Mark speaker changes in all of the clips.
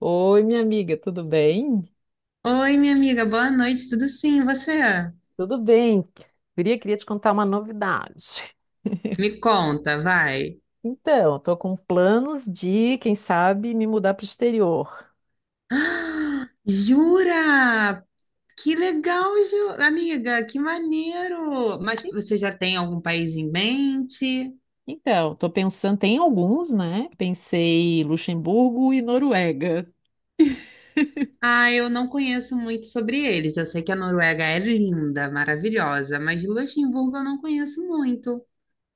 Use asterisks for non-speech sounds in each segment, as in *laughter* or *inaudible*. Speaker 1: Oi, minha amiga, tudo bem?
Speaker 2: Oi, minha amiga, boa noite, tudo sim, e você?
Speaker 1: Tudo bem. Guria, queria te contar uma novidade.
Speaker 2: Me conta, vai. *gasps*
Speaker 1: Então, tô com planos de, quem sabe, me mudar para o exterior.
Speaker 2: Ah, jura? Que legal, amiga, que maneiro! Mas você já tem algum país em mente?
Speaker 1: Então, tô pensando, tem alguns, né? Pensei Luxemburgo e Noruega.
Speaker 2: Ah, eu não conheço muito sobre eles. Eu sei que a Noruega é linda, maravilhosa, mas Luxemburgo eu não conheço muito.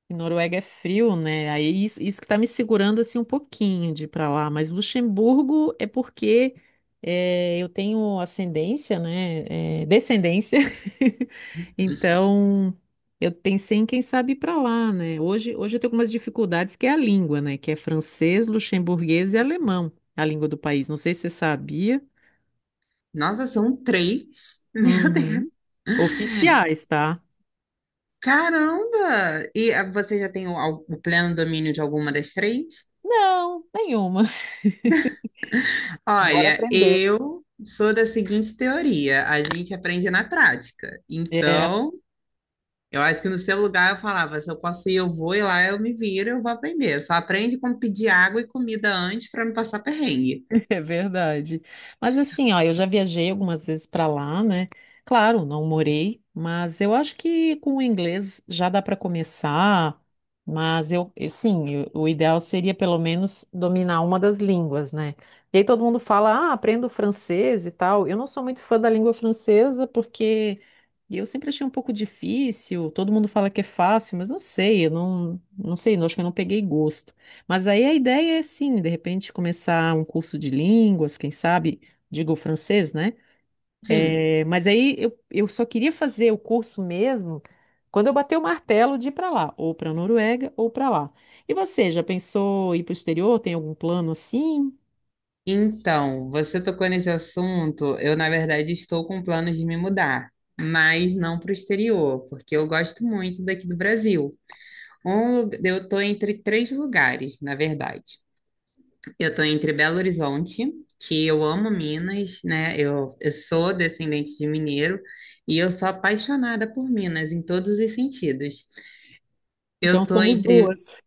Speaker 1: E Noruega é frio, né? Aí isso que tá me segurando assim um pouquinho de ir pra lá. Mas Luxemburgo é porque eu tenho ascendência, né? Descendência. *laughs* Então eu pensei em quem sabe ir pra lá, né? Hoje eu tenho algumas dificuldades que é a língua, né? Que é francês, luxemburguês e alemão, a língua do país. Não sei se você sabia.
Speaker 2: Nossa, são três? *laughs*
Speaker 1: Uhum. Oficiais, tá?
Speaker 2: Caramba! E você já tem o pleno domínio de alguma das três?
Speaker 1: Não, nenhuma. *laughs* Bora
Speaker 2: Olha,
Speaker 1: aprender.
Speaker 2: eu sou da seguinte teoria: a gente aprende na prática. Então, eu acho que no seu lugar eu falava: se eu posso ir, eu vou, e lá eu me viro, eu vou aprender. Só aprende como pedir água e comida antes para não passar perrengue.
Speaker 1: *laughs* É verdade. Mas assim, ó, eu já viajei algumas vezes para lá, né? Claro, não morei, mas eu acho que com o inglês já dá para começar. Mas e sim, o ideal seria pelo menos dominar uma das línguas, né? E aí todo mundo fala, ah, aprendo francês e tal. Eu não sou muito fã da língua francesa porque eu sempre achei um pouco difícil. Todo mundo fala que é fácil, mas não sei, eu não sei, eu acho que eu não peguei gosto. Mas aí a ideia é sim, de repente começar um curso de línguas, quem sabe, digo francês, né?
Speaker 2: Sim.
Speaker 1: Mas aí eu só queria fazer o curso mesmo quando eu bater o martelo de ir para lá, ou para a Noruega, ou para lá. E você, já pensou em ir para o exterior? Tem algum plano assim?
Speaker 2: Então, você tocou nesse assunto. Eu, na verdade, estou com planos de me mudar, mas não para o exterior, porque eu gosto muito daqui do Brasil. Eu estou entre três lugares, na verdade. Eu tô entre Belo Horizonte, que eu amo Minas, né? Eu sou descendente de mineiro e eu sou apaixonada por Minas em todos os sentidos. Eu
Speaker 1: Então
Speaker 2: tô
Speaker 1: somos
Speaker 2: entre,
Speaker 1: duas.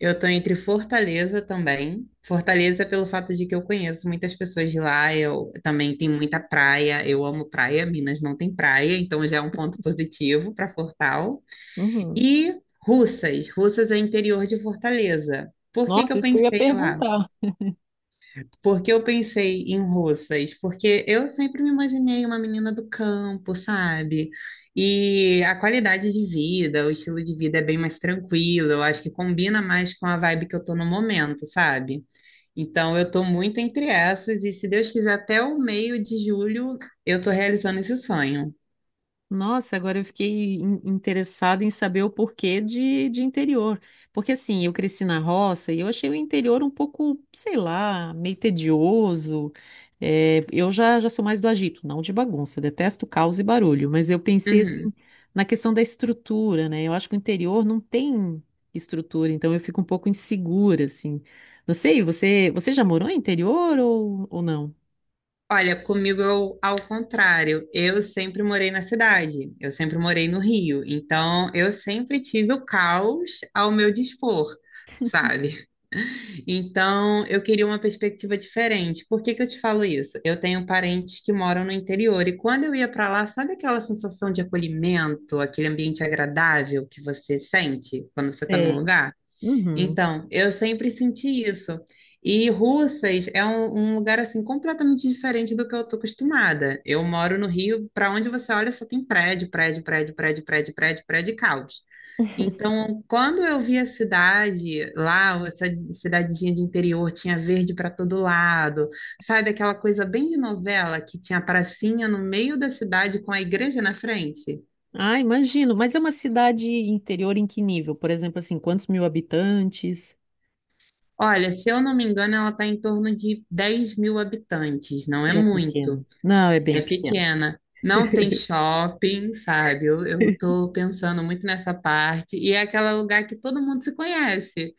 Speaker 2: eu tô entre Fortaleza também. Fortaleza pelo fato de que eu conheço muitas pessoas de lá, eu também tenho muita praia, eu amo praia, Minas não tem praia, então já é um ponto positivo para Fortal.
Speaker 1: Uhum.
Speaker 2: E Russas, Russas é interior de Fortaleza. Por que que
Speaker 1: Nossa,
Speaker 2: eu
Speaker 1: isso que eu ia
Speaker 2: pensei lá?
Speaker 1: perguntar.
Speaker 2: Por que eu pensei em russas? Porque eu sempre me imaginei uma menina do campo, sabe? E a qualidade de vida, o estilo de vida é bem mais tranquilo. Eu acho que combina mais com a vibe que eu tô no momento, sabe? Então eu tô muito entre essas e se Deus quiser até o meio de julho eu tô realizando esse sonho.
Speaker 1: Nossa, agora eu fiquei interessada em saber o porquê de interior. Porque assim, eu cresci na roça e eu achei o interior um pouco, sei lá, meio tedioso. É, eu já sou mais do agito, não de bagunça, detesto caos e barulho. Mas eu pensei assim
Speaker 2: Uhum.
Speaker 1: na questão da estrutura, né? Eu acho que o interior não tem estrutura, então eu fico um pouco insegura, assim. Não sei, você já morou em interior ou não?
Speaker 2: Olha, comigo eu, ao contrário, eu sempre morei na cidade, eu sempre morei no Rio, então eu sempre tive o caos ao meu dispor, sabe? Então eu queria uma perspectiva diferente. Por que que eu te falo isso? Eu tenho parentes que moram no interior e quando eu ia para lá, sabe aquela sensação de acolhimento, aquele ambiente agradável que você sente quando você está num
Speaker 1: Sei.
Speaker 2: lugar? Então, eu sempre senti isso. E Russas é um lugar assim completamente diferente do que eu tô acostumada. Eu moro no Rio, para onde você olha só tem prédio, prédio, prédio, prédio, prédio, prédio, prédio, e caos. Então, quando eu vi a cidade lá, essa cidadezinha de interior, tinha verde para todo lado, sabe aquela coisa bem de novela que tinha a pracinha no meio da cidade com a igreja na frente?
Speaker 1: Ah, imagino. Mas é uma cidade interior em que nível? Por exemplo, assim, quantos mil habitantes?
Speaker 2: Olha, se eu não me engano, ela está em torno de 10 mil habitantes, não é
Speaker 1: É
Speaker 2: muito,
Speaker 1: pequeno. Não, é
Speaker 2: é
Speaker 1: bem pequeno.
Speaker 2: pequena. Não tem shopping, sabe? Eu
Speaker 1: *laughs*
Speaker 2: tô pensando muito nessa parte. E é aquele lugar que todo mundo se conhece.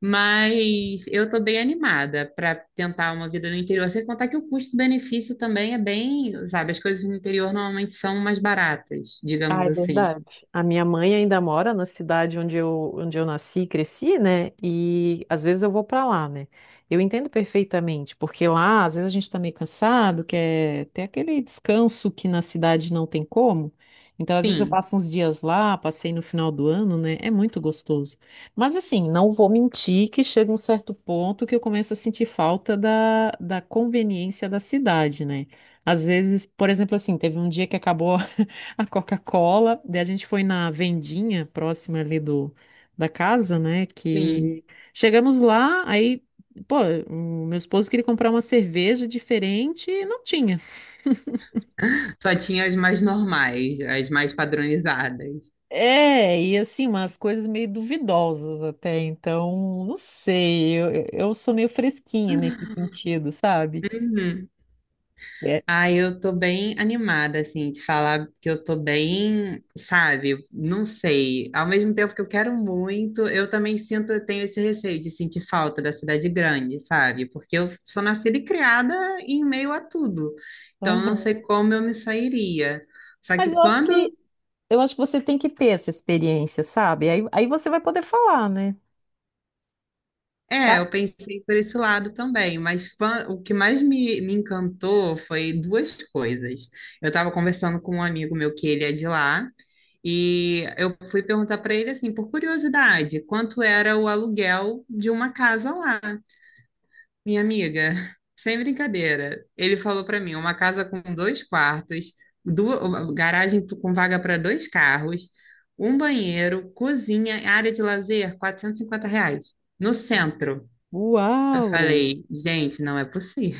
Speaker 2: Mas eu tô bem animada para tentar uma vida no interior. Sem contar que o custo-benefício também é bem, sabe? As coisas no interior normalmente são mais baratas,
Speaker 1: Ah,
Speaker 2: digamos
Speaker 1: é
Speaker 2: assim.
Speaker 1: verdade. A minha mãe ainda mora na cidade onde eu nasci e cresci, né? E às vezes eu vou para lá, né? Eu entendo perfeitamente, porque lá às vezes a gente tá meio cansado, quer ter aquele descanso que na cidade não tem como. Então, às vezes eu
Speaker 2: Sim,
Speaker 1: passo uns dias lá, passei no final do ano, né? É muito gostoso. Mas assim, não vou mentir que chega um certo ponto que eu começo a sentir falta da conveniência da cidade, né? Às vezes, por exemplo, assim, teve um dia que acabou a Coca-Cola. Daí a gente foi na vendinha próxima ali do, da casa, né?
Speaker 2: sim.
Speaker 1: Que chegamos lá, aí, pô, o meu esposo queria comprar uma cerveja diferente e não tinha.
Speaker 2: Só tinha as mais normais, as mais padronizadas.
Speaker 1: É, e assim, umas coisas meio duvidosas até, então, não sei, eu sou meio fresquinha nesse sentido, sabe?
Speaker 2: Uhum.
Speaker 1: É.
Speaker 2: Ah, eu tô bem animada, assim, de falar que eu tô bem, sabe? Não sei. Ao mesmo tempo que eu quero muito, eu também sinto, eu tenho esse receio de sentir falta da cidade grande, sabe? Porque eu sou nascida e criada em meio a tudo. Então, eu não
Speaker 1: Aham.
Speaker 2: sei como eu me sairia. Só que
Speaker 1: Mas
Speaker 2: quando.
Speaker 1: eu acho que você tem que ter essa experiência, sabe? Aí você vai poder falar, né?
Speaker 2: É,
Speaker 1: Sabe?
Speaker 2: eu pensei por esse lado também, mas o que mais me encantou foi duas coisas. Eu estava conversando com um amigo meu que ele é de lá. E eu fui perguntar para ele assim, por curiosidade, quanto era o aluguel de uma casa lá, minha amiga. *laughs* Sem brincadeira. Ele falou para mim, uma casa com dois quartos, duas, garagem com vaga para dois carros, um banheiro, cozinha, área de lazer, R$ 450, no centro. Eu
Speaker 1: Uau!
Speaker 2: falei, gente, não é possível.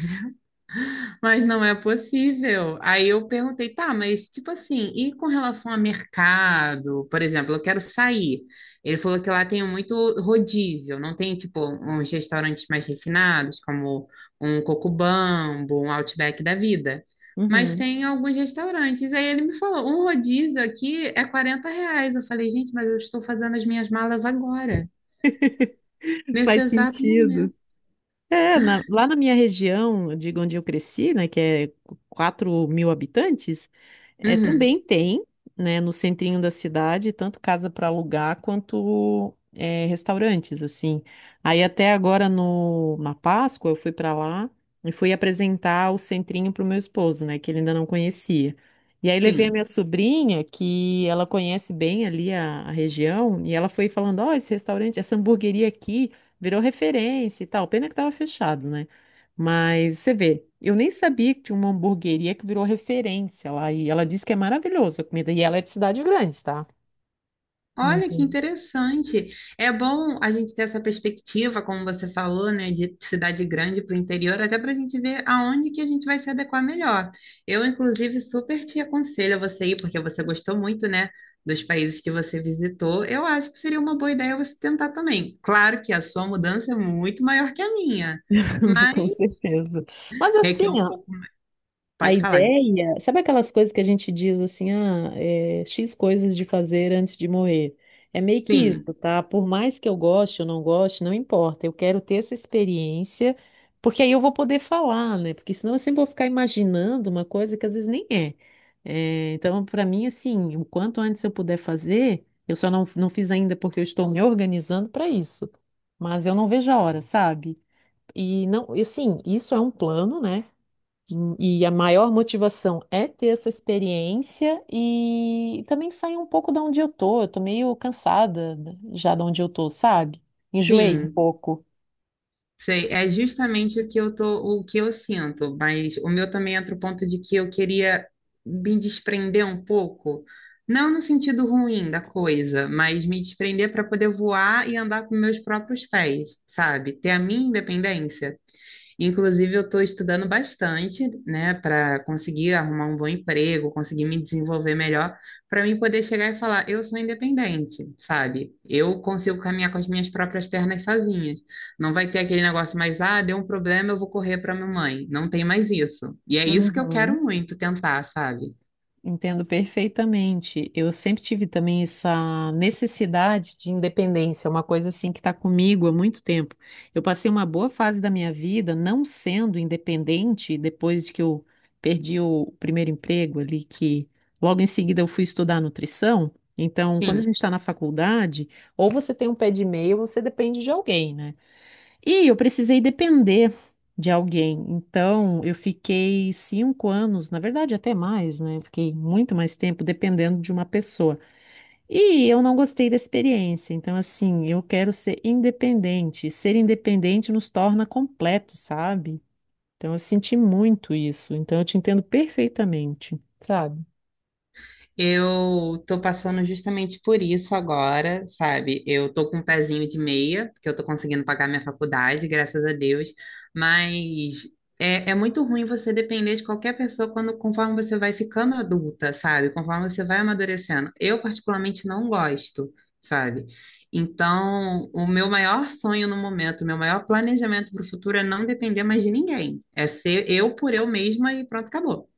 Speaker 2: Mas não é possível. Aí eu perguntei, tá, mas tipo assim, e com relação a mercado? Por exemplo, eu quero sair. Ele falou que lá tem muito rodízio, não tem tipo uns restaurantes mais refinados, como um Cocobambo, um Outback da vida. Mas
Speaker 1: Uhum.
Speaker 2: tem alguns restaurantes. Aí ele me falou, um rodízio aqui é R$ 40. Eu falei, gente, mas eu estou fazendo as minhas malas agora,
Speaker 1: *laughs*
Speaker 2: nesse
Speaker 1: Faz
Speaker 2: exato
Speaker 1: sentido.
Speaker 2: momento.
Speaker 1: É, na- lá na minha região, de onde eu cresci, né, que é 4 mil habitantes, é,
Speaker 2: Uhum,
Speaker 1: também tem, né, no centrinho da cidade, tanto casa para alugar quanto é, restaurantes, assim. Aí até agora, no, na Páscoa, eu fui para lá e fui apresentar o centrinho para o meu esposo, né, que ele ainda não conhecia. E aí levei a
Speaker 2: sim.
Speaker 1: minha sobrinha, que ela conhece bem ali a região, e ela foi falando, ó, esse restaurante, essa hamburgueria aqui, virou referência e tal. Pena que tava fechado, né? Mas você vê, eu nem sabia que tinha uma hamburgueria que virou referência lá. E ela disse que é maravilhosa a comida. E ela é de cidade grande, tá?
Speaker 2: Olha que
Speaker 1: Uhum.
Speaker 2: interessante. É bom a gente ter essa perspectiva, como você falou, né, de cidade grande para o interior, até para a gente ver aonde que a gente vai se adequar melhor. Eu, inclusive, super te aconselho a você ir, porque você gostou muito, né, dos países que você visitou. Eu acho que seria uma boa ideia você tentar também. Claro que a sua mudança é muito maior que a minha,
Speaker 1: *laughs*
Speaker 2: mas
Speaker 1: Com certeza. Mas assim,
Speaker 2: requer um
Speaker 1: ó,
Speaker 2: pouco.
Speaker 1: a
Speaker 2: Pode falar disso.
Speaker 1: ideia, sabe aquelas coisas que a gente diz assim, ah, é, X coisas de fazer antes de morrer? É meio que
Speaker 2: Sim,
Speaker 1: isso, tá? Por mais que eu goste ou não goste, não importa. Eu quero ter essa experiência, porque aí eu vou poder falar, né? Porque senão eu sempre vou ficar imaginando uma coisa que às vezes nem é. É, então, para mim, assim, o quanto antes eu puder fazer, eu só não fiz ainda porque eu estou me organizando para isso. Mas eu não vejo a hora, sabe? E não, e assim, isso é um plano, né? E a maior motivação é ter essa experiência e também sair um pouco da onde eu tô. Eu tô meio cansada já de onde eu tô, sabe? Enjoei um
Speaker 2: sim.
Speaker 1: pouco.
Speaker 2: Sei, é justamente o que eu tô, o que eu sinto, mas o meu também entra o ponto de que eu queria me desprender um pouco, não no sentido ruim da coisa, mas me desprender para poder voar e andar com meus próprios pés, sabe? Ter a minha independência. Inclusive, eu estou estudando bastante, né, para conseguir arrumar um bom emprego, conseguir me desenvolver melhor, para mim poder chegar e falar, eu sou independente, sabe? Eu consigo caminhar com as minhas próprias pernas sozinhas. Não vai ter aquele negócio mais, ah, deu um problema, eu vou correr para minha mãe. Não tem mais isso. E é isso que eu
Speaker 1: Uhum.
Speaker 2: quero muito tentar, sabe?
Speaker 1: Entendo perfeitamente. Eu sempre tive também essa necessidade de independência, é uma coisa assim que está comigo há muito tempo. Eu passei uma boa fase da minha vida não sendo independente depois de que eu perdi o primeiro emprego ali, que logo em seguida eu fui estudar nutrição. Então, quando a
Speaker 2: Sim.
Speaker 1: gente está na faculdade, ou você tem um pé de meia ou você depende de alguém, né? E eu precisei depender de alguém. Então, eu fiquei 5 anos, na verdade, até mais, né? Fiquei muito mais tempo dependendo de uma pessoa. E eu não gostei da experiência. Então, assim, eu quero ser independente. Ser independente nos torna completos, sabe? Então, eu senti muito isso. Então, eu te entendo perfeitamente, sabe?
Speaker 2: Eu tô passando justamente por isso agora, sabe? Eu tô com um pezinho de meia, porque eu tô conseguindo pagar minha faculdade, graças a Deus, mas é, é muito ruim você depender de qualquer pessoa quando, conforme você vai ficando adulta, sabe? Conforme você vai amadurecendo. Eu, particularmente, não gosto, sabe? Então, o meu maior sonho no momento, o meu maior planejamento para o futuro é não depender mais de ninguém. É ser eu por eu mesma e pronto, acabou.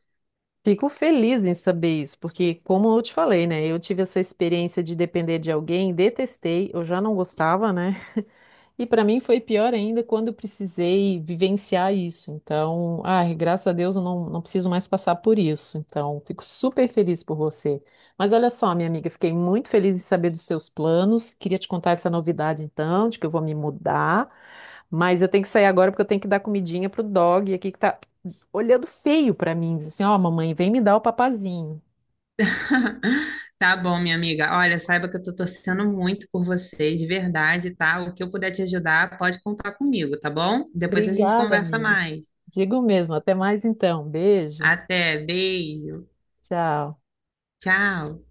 Speaker 1: Fico feliz em saber isso, porque, como eu te falei, né? Eu tive essa experiência de depender de alguém, detestei, eu já não gostava, né? E para mim foi pior ainda quando eu precisei vivenciar isso. Então, ai, graças a Deus eu não preciso mais passar por isso. Então, fico super feliz por você. Mas olha só, minha amiga, fiquei muito feliz em saber dos seus planos. Queria te contar essa novidade, então, de que eu vou me mudar. Mas eu tenho que sair agora porque eu tenho que dar comidinha pro dog aqui que tá olhando feio para mim. Diz assim: ó, mamãe, vem me dar o papazinho.
Speaker 2: *laughs* Tá bom, minha amiga. Olha, saiba que eu tô torcendo muito por você, de verdade, tá? O que eu puder te ajudar, pode contar comigo, tá bom? Depois a gente
Speaker 1: Obrigada,
Speaker 2: conversa
Speaker 1: amiga.
Speaker 2: mais.
Speaker 1: Digo mesmo. Até mais então. Beijo.
Speaker 2: Até, beijo.
Speaker 1: Tchau.
Speaker 2: Tchau.